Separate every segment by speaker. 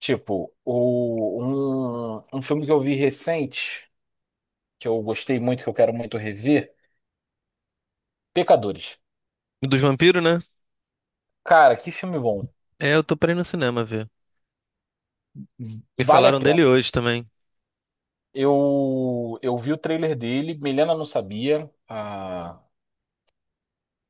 Speaker 1: Tipo, um filme que eu vi recente, que eu gostei muito, que eu quero muito rever, Pecadores.
Speaker 2: Dos vampiros, né?
Speaker 1: Cara, que filme bom.
Speaker 2: É, eu tô pra ir no cinema ver. Me
Speaker 1: Vale a
Speaker 2: falaram
Speaker 1: pena.
Speaker 2: dele hoje também.
Speaker 1: Eu vi o trailer dele, Milena não sabia. A,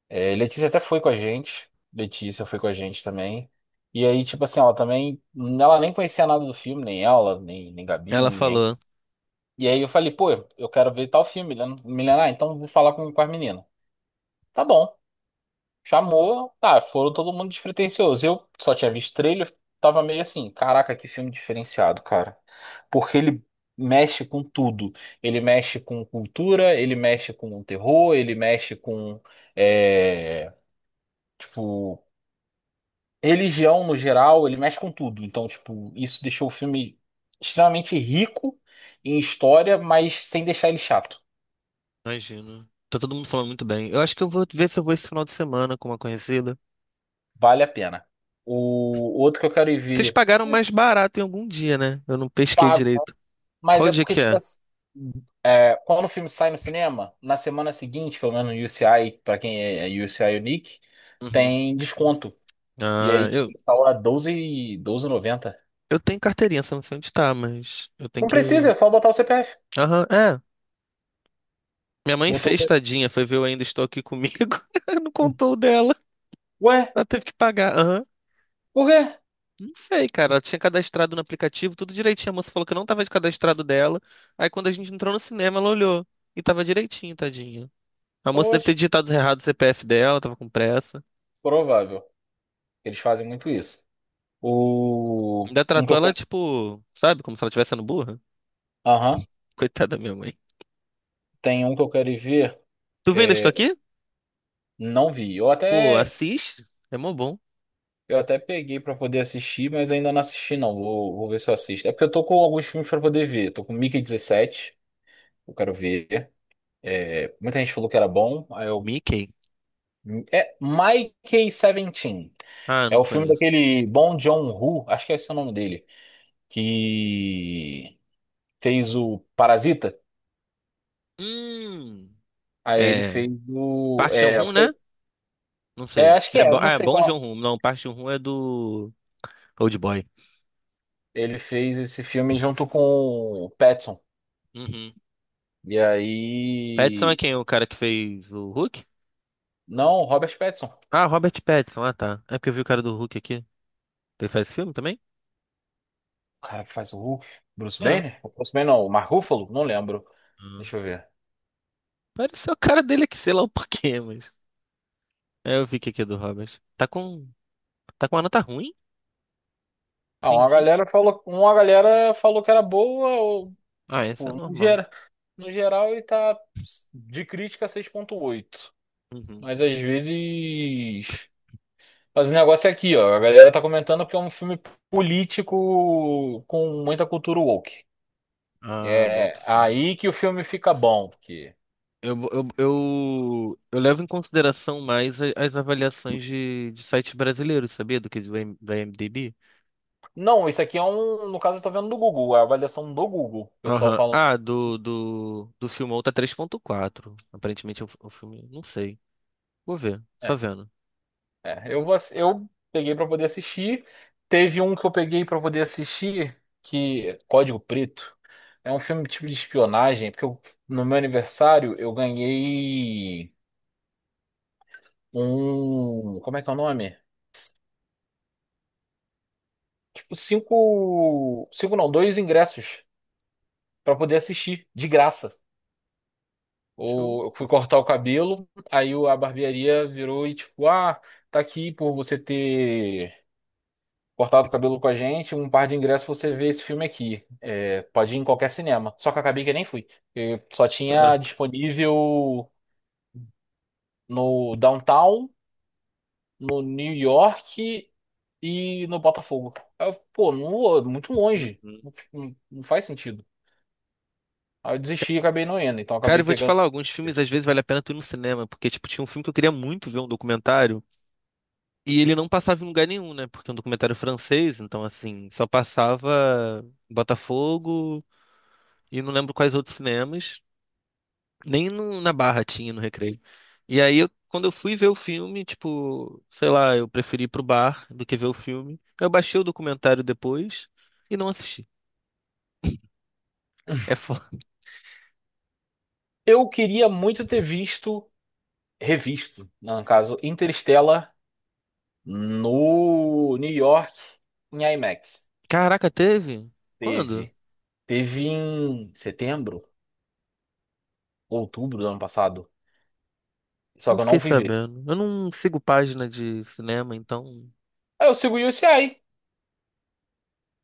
Speaker 1: é, Letícia até foi com a gente. Letícia foi com a gente também. E aí, tipo assim, ela também. Ela nem conhecia nada do filme, nem ela, nem Gabi,
Speaker 2: Ela
Speaker 1: nem ninguém.
Speaker 2: falou.
Speaker 1: E aí eu falei, pô, eu quero ver tal filme, Milena. Milena, então vou falar com as meninas. Tá bom. Chamou, tá, foram todo mundo despretensioso. Eu só tinha visto trailer, tava meio assim, caraca, que filme diferenciado, cara. Porque ele mexe com tudo. Ele mexe com cultura, ele mexe com terror, ele mexe com, é, tipo, religião no geral, ele mexe com tudo. Então, tipo, isso deixou o filme extremamente rico em história, mas sem deixar ele chato.
Speaker 2: Imagino. Tá todo mundo falando muito bem. Eu acho que eu vou ver se eu vou esse final de semana com uma conhecida.
Speaker 1: Vale a pena. O outro que eu quero ir
Speaker 2: Vocês
Speaker 1: ver.
Speaker 2: pagaram mais barato em algum dia, né? Eu não pesquei direito.
Speaker 1: Mas
Speaker 2: Qual
Speaker 1: é
Speaker 2: dia
Speaker 1: porque,
Speaker 2: que
Speaker 1: tipo,
Speaker 2: é?
Speaker 1: assim, quando o filme sai no cinema, na semana seguinte, pelo menos no UCI, pra quem é UCI Unique,
Speaker 2: Uhum.
Speaker 1: tem desconto. E aí,
Speaker 2: Ah,
Speaker 1: tipo,
Speaker 2: eu,
Speaker 1: ele tá doze 12, 12,90.
Speaker 2: eu tenho carteirinha, só não sei onde tá, mas eu tenho
Speaker 1: Não precisa,
Speaker 2: que.
Speaker 1: é só botar o CPF.
Speaker 2: Aham, é. Minha mãe
Speaker 1: Botou o
Speaker 2: fez,
Speaker 1: CPF.
Speaker 2: tadinha, foi ver Eu Ainda Estou Aqui Comigo. Não contou o dela.
Speaker 1: Ué,
Speaker 2: Ela teve que pagar. Aham.
Speaker 1: por quê?
Speaker 2: Não sei, cara. Ela tinha cadastrado no aplicativo, tudo direitinho. A moça falou que não tava de cadastrado dela. Aí quando a gente entrou no cinema, ela olhou. E tava direitinho, tadinha. A moça deve
Speaker 1: Oxe,
Speaker 2: ter digitado errado o CPF dela, tava com pressa.
Speaker 1: provável. Eles fazem muito isso.
Speaker 2: Ainda
Speaker 1: Um que
Speaker 2: tratou
Speaker 1: eu
Speaker 2: ela,
Speaker 1: quero.
Speaker 2: tipo, sabe, como se ela estivesse sendo burra.
Speaker 1: Aham.
Speaker 2: Coitada da minha mãe.
Speaker 1: Tem um que eu quero ir ver.
Speaker 2: Tu vendo estou
Speaker 1: É,
Speaker 2: aqui?
Speaker 1: não vi.
Speaker 2: Pô, assiste. É mó bom.
Speaker 1: Eu até peguei pra poder assistir, mas ainda não assisti, não. Vou ver se eu assisto. É porque eu tô com alguns filmes pra poder ver. Tô com Mickey 17. Eu quero ver. É, muita gente falou que era bom. Aí eu.
Speaker 2: Mickey?
Speaker 1: É Mickey 17.
Speaker 2: Ah,
Speaker 1: É
Speaker 2: não
Speaker 1: o filme
Speaker 2: conheço.
Speaker 1: daquele Bong Joon-ho, acho que é esse o nome dele, que fez o Parasita.
Speaker 2: Hum.
Speaker 1: Aí ele
Speaker 2: É.
Speaker 1: fez o.
Speaker 2: Park Chan-wook, né? Não sei.
Speaker 1: Acho que
Speaker 2: É
Speaker 1: é,
Speaker 2: bom, ah,
Speaker 1: não
Speaker 2: é
Speaker 1: sei
Speaker 2: bom
Speaker 1: qual.
Speaker 2: Joon-ho. Não, Park Chan-wook é do Old Boy.
Speaker 1: Ele fez esse filme junto com o Pattinson.
Speaker 2: Uhum.
Speaker 1: E
Speaker 2: Pattinson é
Speaker 1: aí.
Speaker 2: quem? O cara que fez o Hulk?
Speaker 1: Não, Robert Pattinson.
Speaker 2: Ah, Robert Pattinson. Ah, tá. É porque eu vi o cara do Hulk aqui. Ele faz filme também?
Speaker 1: O cara que faz o Hulk. Bruce
Speaker 2: É. Ah.
Speaker 1: Banner? O Bruce Banner não, o Mark Ruffalo? Não lembro. Deixa eu ver.
Speaker 2: Pareceu o cara dele aqui, sei lá o porquê, mas... É, eu vi que aqui é do Robert. Tá com... Tá com uma nota ruim?
Speaker 1: Ah, uma
Speaker 2: Ruimzinho?
Speaker 1: galera falou, uma galera falou que era boa, ou,
Speaker 2: Ah, essa é
Speaker 1: tipo, no,
Speaker 2: normal.
Speaker 1: geral no geral ele tá de crítica 6.8.
Speaker 2: Uhum.
Speaker 1: Mas às vezes. Mas o negócio é aqui, ó. A galera tá comentando que é um filme político com muita cultura woke.
Speaker 2: Ah, boto
Speaker 1: É
Speaker 2: fé.
Speaker 1: aí que o filme fica bom, porque.
Speaker 2: Eu levo em consideração mais a- as avaliações de sites brasileiros, sabia? Do que do M- da IMDb.
Speaker 1: Não, isso aqui é um. No caso, eu tô vendo do Google, a avaliação do Google. O pessoal
Speaker 2: Aham.
Speaker 1: falando.
Speaker 2: Ah, do filme tá 3,4. Aparentemente o filme. Não sei. Vou ver,
Speaker 1: é,
Speaker 2: só vendo.
Speaker 1: eu peguei pra poder assistir. Teve um que eu peguei pra poder assistir, que é Código Preto. É um filme tipo de espionagem, porque no meu aniversário eu ganhei um. Como é que é o nome? Tipo, cinco. Cinco não, dois ingressos pra poder assistir, de graça.
Speaker 2: Show,
Speaker 1: Eu fui cortar o cabelo, aí a barbearia virou e tipo, tá aqui por você ter. Cortava o cabelo com a gente, um par de ingressos pra você vê esse filme aqui. É, pode ir em qualquer cinema. Só que eu acabei que eu nem fui. Eu só tinha
Speaker 2: cara.
Speaker 1: disponível no Downtown, no New York e no Botafogo. Aí eu, pô, não- muito longe.
Speaker 2: Uhum.
Speaker 1: Não, não faz sentido. Aí eu desisti e acabei não indo. Então eu
Speaker 2: Cara,
Speaker 1: acabei
Speaker 2: eu vou te
Speaker 1: pegando.
Speaker 2: falar, alguns filmes às vezes vale a pena tu ir no cinema, porque tipo, tinha um filme que eu queria muito ver um documentário e ele não passava em lugar nenhum, né? Porque é um documentário francês, então assim, só passava em Botafogo e não lembro quais outros cinemas, nem no- na Barra tinha no Recreio. E aí eu- quando eu fui ver o filme, tipo, sei lá, eu preferi ir pro bar do que ver o filme. Eu baixei o documentário depois e não assisti. É foda.
Speaker 1: Eu queria muito ter visto, revisto, né, no caso, Interstellar no New York em IMAX.
Speaker 2: Caraca, teve? Quando?
Speaker 1: Teve. Teve em setembro, outubro do ano passado. Só
Speaker 2: Não
Speaker 1: que eu
Speaker 2: fiquei
Speaker 1: não fui ver.
Speaker 2: sabendo. Eu não sigo página de cinema, então.
Speaker 1: Aí eu sigo o UCI.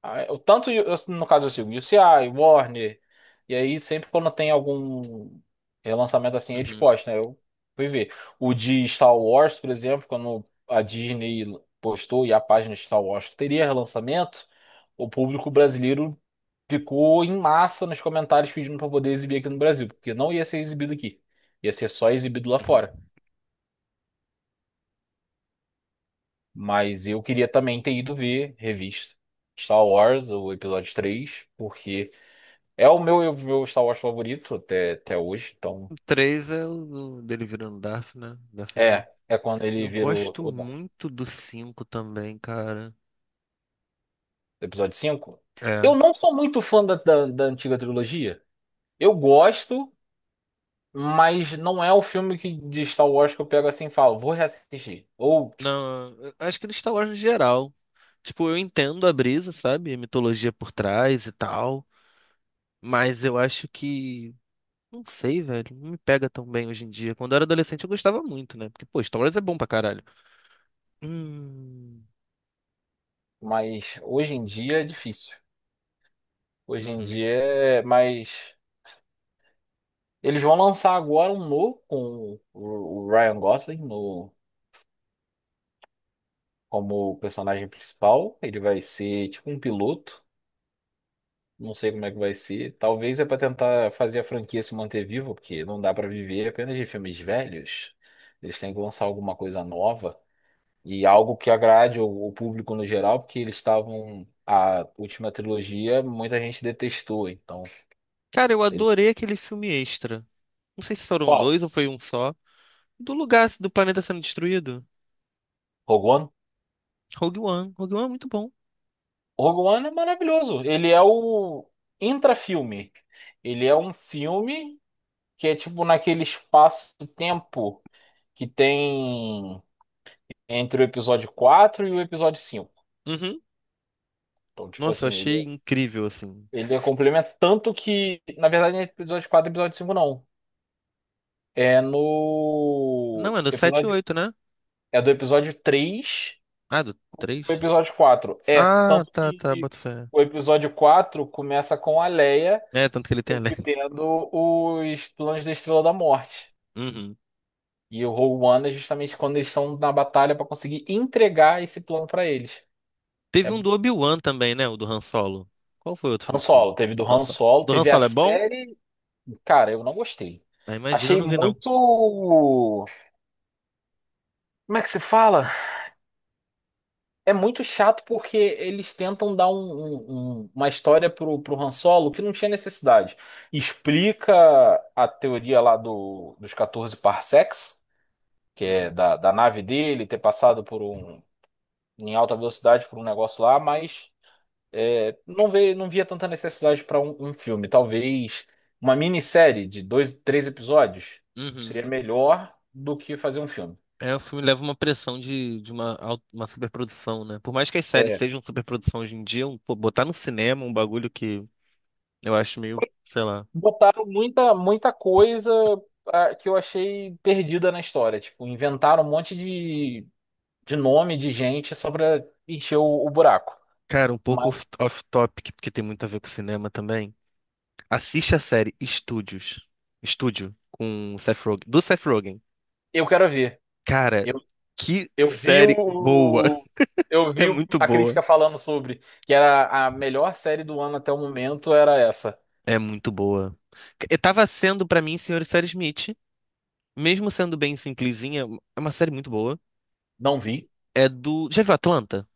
Speaker 1: Aí, no caso, eu sigo o UCI, Warner. E aí, sempre quando tem algum relançamento assim, eles
Speaker 2: Uhum,
Speaker 1: postam, né? Eu fui ver. O de Star Wars, por exemplo, quando a Disney postou e a página de Star Wars que teria relançamento, o público brasileiro ficou em massa nos comentários pedindo para poder exibir aqui no Brasil, porque não ia ser exibido aqui. Ia ser só exibido lá
Speaker 2: uhum.
Speaker 1: fora. Mas eu queria também ter ido ver revista Star Wars, o episódio três, porque é o meu Star Wars favorito até hoje. Então,
Speaker 2: O 3 é o do- dele virando Darth, né? Darth Vader.
Speaker 1: é quando ele
Speaker 2: Eu
Speaker 1: vira
Speaker 2: gosto
Speaker 1: não,
Speaker 2: muito do 5 também, cara.
Speaker 1: o episódio cinco.
Speaker 2: É.
Speaker 1: Eu não sou muito fã da antiga trilogia. Eu gosto, mas não é o filme que, de Star Wars, que eu pego assim e falo, vou reassistir. Ou, tipo,
Speaker 2: Não, eu acho que do Star Wars no geral. Tipo, eu entendo a brisa, sabe? A mitologia por trás e tal. Mas eu acho que. Não sei, velho. Não me pega tão bem hoje em dia. Quando eu era adolescente eu gostava muito, né? Porque, pô, Star Wars é bom pra caralho. Hum.
Speaker 1: mas hoje em dia é difícil. Hoje em
Speaker 2: Uhum.
Speaker 1: dia é mais. Eles vão lançar agora um novo com o Ryan Gosling no, como personagem principal. Ele vai ser tipo um piloto. Não sei como é que vai ser. Talvez é para tentar fazer a franquia se manter viva, porque não dá para viver apenas de filmes velhos. Eles têm que lançar alguma coisa nova e algo que agrade o público no geral, porque eles estavam. A última trilogia muita gente detestou. Então,
Speaker 2: Cara, eu
Speaker 1: ele-
Speaker 2: adorei aquele filme extra. Não sei se foram
Speaker 1: qual?
Speaker 2: dois ou foi um só. Do lugar do planeta sendo destruído.
Speaker 1: Rogue One?
Speaker 2: Rogue One. Rogue One é muito bom.
Speaker 1: Rogue One é maravilhoso. Ele é o intrafilme. Ele é um filme que é tipo naquele espaço-tempo que tem entre o episódio 4 e o episódio 5.
Speaker 2: Uhum.
Speaker 1: Então, tipo
Speaker 2: Nossa, eu
Speaker 1: assim,
Speaker 2: achei
Speaker 1: ele,
Speaker 2: incrível, assim.
Speaker 1: ele é complemento, tanto que, na verdade, não é episódio 4, e episódio 5 não. É
Speaker 2: Não,
Speaker 1: no
Speaker 2: é do 7 e
Speaker 1: episódio
Speaker 2: 8, né?
Speaker 1: É do episódio três,
Speaker 2: Ah, do
Speaker 1: o
Speaker 2: 3.
Speaker 1: episódio 4. É,
Speaker 2: Ah,
Speaker 1: tanto
Speaker 2: tá, tá,
Speaker 1: que
Speaker 2: boto fé.
Speaker 1: o episódio 4 começa com a Leia
Speaker 2: É, tanto que ele tem a lenda.
Speaker 1: obtendo os planos da Estrela da Morte.
Speaker 2: Uhum.
Speaker 1: E o Rogue One é justamente quando eles estão na batalha para conseguir entregar esse plano para eles. É
Speaker 2: Teve um do Obi-Wan também, né? O do Han Solo. Qual foi o outro
Speaker 1: Han
Speaker 2: filme solo?
Speaker 1: Solo, teve do
Speaker 2: Han
Speaker 1: Han
Speaker 2: Solo.
Speaker 1: Solo,
Speaker 2: Do Han
Speaker 1: teve a
Speaker 2: Solo é bom?
Speaker 1: série. Cara, eu não gostei.
Speaker 2: Ah, imagina, eu
Speaker 1: Achei
Speaker 2: não vi, não.
Speaker 1: muito. Como é que se fala? É muito chato porque eles tentam dar uma história pro Han Solo que não tinha necessidade. Explica a teoria lá dos 14 parsecs, que é
Speaker 2: Uhum.
Speaker 1: da nave dele ter passado por um em alta velocidade por um negócio lá, mas não vê, não via tanta necessidade para um filme. Talvez uma minissérie de dois, três episódios
Speaker 2: Uhum.
Speaker 1: seria melhor do que fazer um filme.
Speaker 2: É, o filme leva uma pressão de uma, au- uma superprodução, né? Por mais que as séries
Speaker 1: É,
Speaker 2: sejam superprodução hoje em dia, um- pô, botar no cinema um bagulho que eu acho meio, sei lá.
Speaker 1: botaram muita, muita coisa, que eu achei perdida na história. Tipo, inventaram um monte de nome de gente só para encher o buraco.
Speaker 2: Cara, um pouco
Speaker 1: Mas
Speaker 2: off- off-topic, porque tem muito a ver com cinema também. Assiste a série Estúdios. Estúdio, com o Seth Rogen. Do Seth Rogen.
Speaker 1: eu quero ver.
Speaker 2: Cara, que
Speaker 1: Eu vi
Speaker 2: série boa.
Speaker 1: o.
Speaker 2: É muito
Speaker 1: A
Speaker 2: boa.
Speaker 1: crítica falando sobre que era a melhor série do ano até o momento, era essa.
Speaker 2: É muito boa. Eu tava sendo pra mim, Senhor e Sarah Smith. Mesmo sendo bem simplesinha, é uma série muito boa.
Speaker 1: Não vi.
Speaker 2: É do. Já viu Atlanta?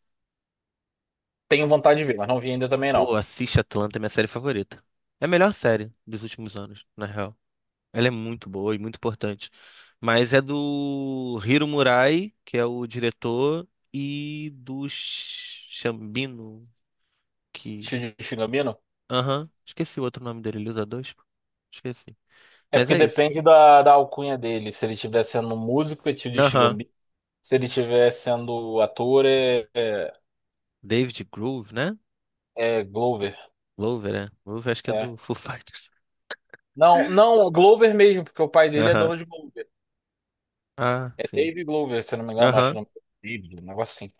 Speaker 1: Tenho vontade de ver, mas não vi ainda também não.
Speaker 2: Pô, assiste Atlanta, é minha série favorita. É a melhor série dos últimos anos, na real. Ela é muito boa e muito importante. Mas é do Hiro Murai, que é o diretor, e do Sh- Shambino, que.
Speaker 1: Shuji Shigamino?
Speaker 2: Aham, esqueci o outro nome dele, ele usa dois? Pô. Esqueci.
Speaker 1: É
Speaker 2: Mas
Speaker 1: porque
Speaker 2: é isso.
Speaker 1: depende da alcunha dele. Se ele estiver sendo músico, é Shuji
Speaker 2: Aham,
Speaker 1: Shigami. Se ele estiver sendo ator, é, é,
Speaker 2: David Groove, né?
Speaker 1: é Glover.
Speaker 2: Glover, é. Groove acho que é
Speaker 1: É.
Speaker 2: do Foo Fighters.
Speaker 1: Não, não, é Glover mesmo, porque o pai dele é
Speaker 2: Aham,
Speaker 1: dono de Glover.
Speaker 2: ah,
Speaker 1: É
Speaker 2: sim.
Speaker 1: Dave Glover, se eu não me engano, acho
Speaker 2: Aham,
Speaker 1: o nome dele, um negócio assim.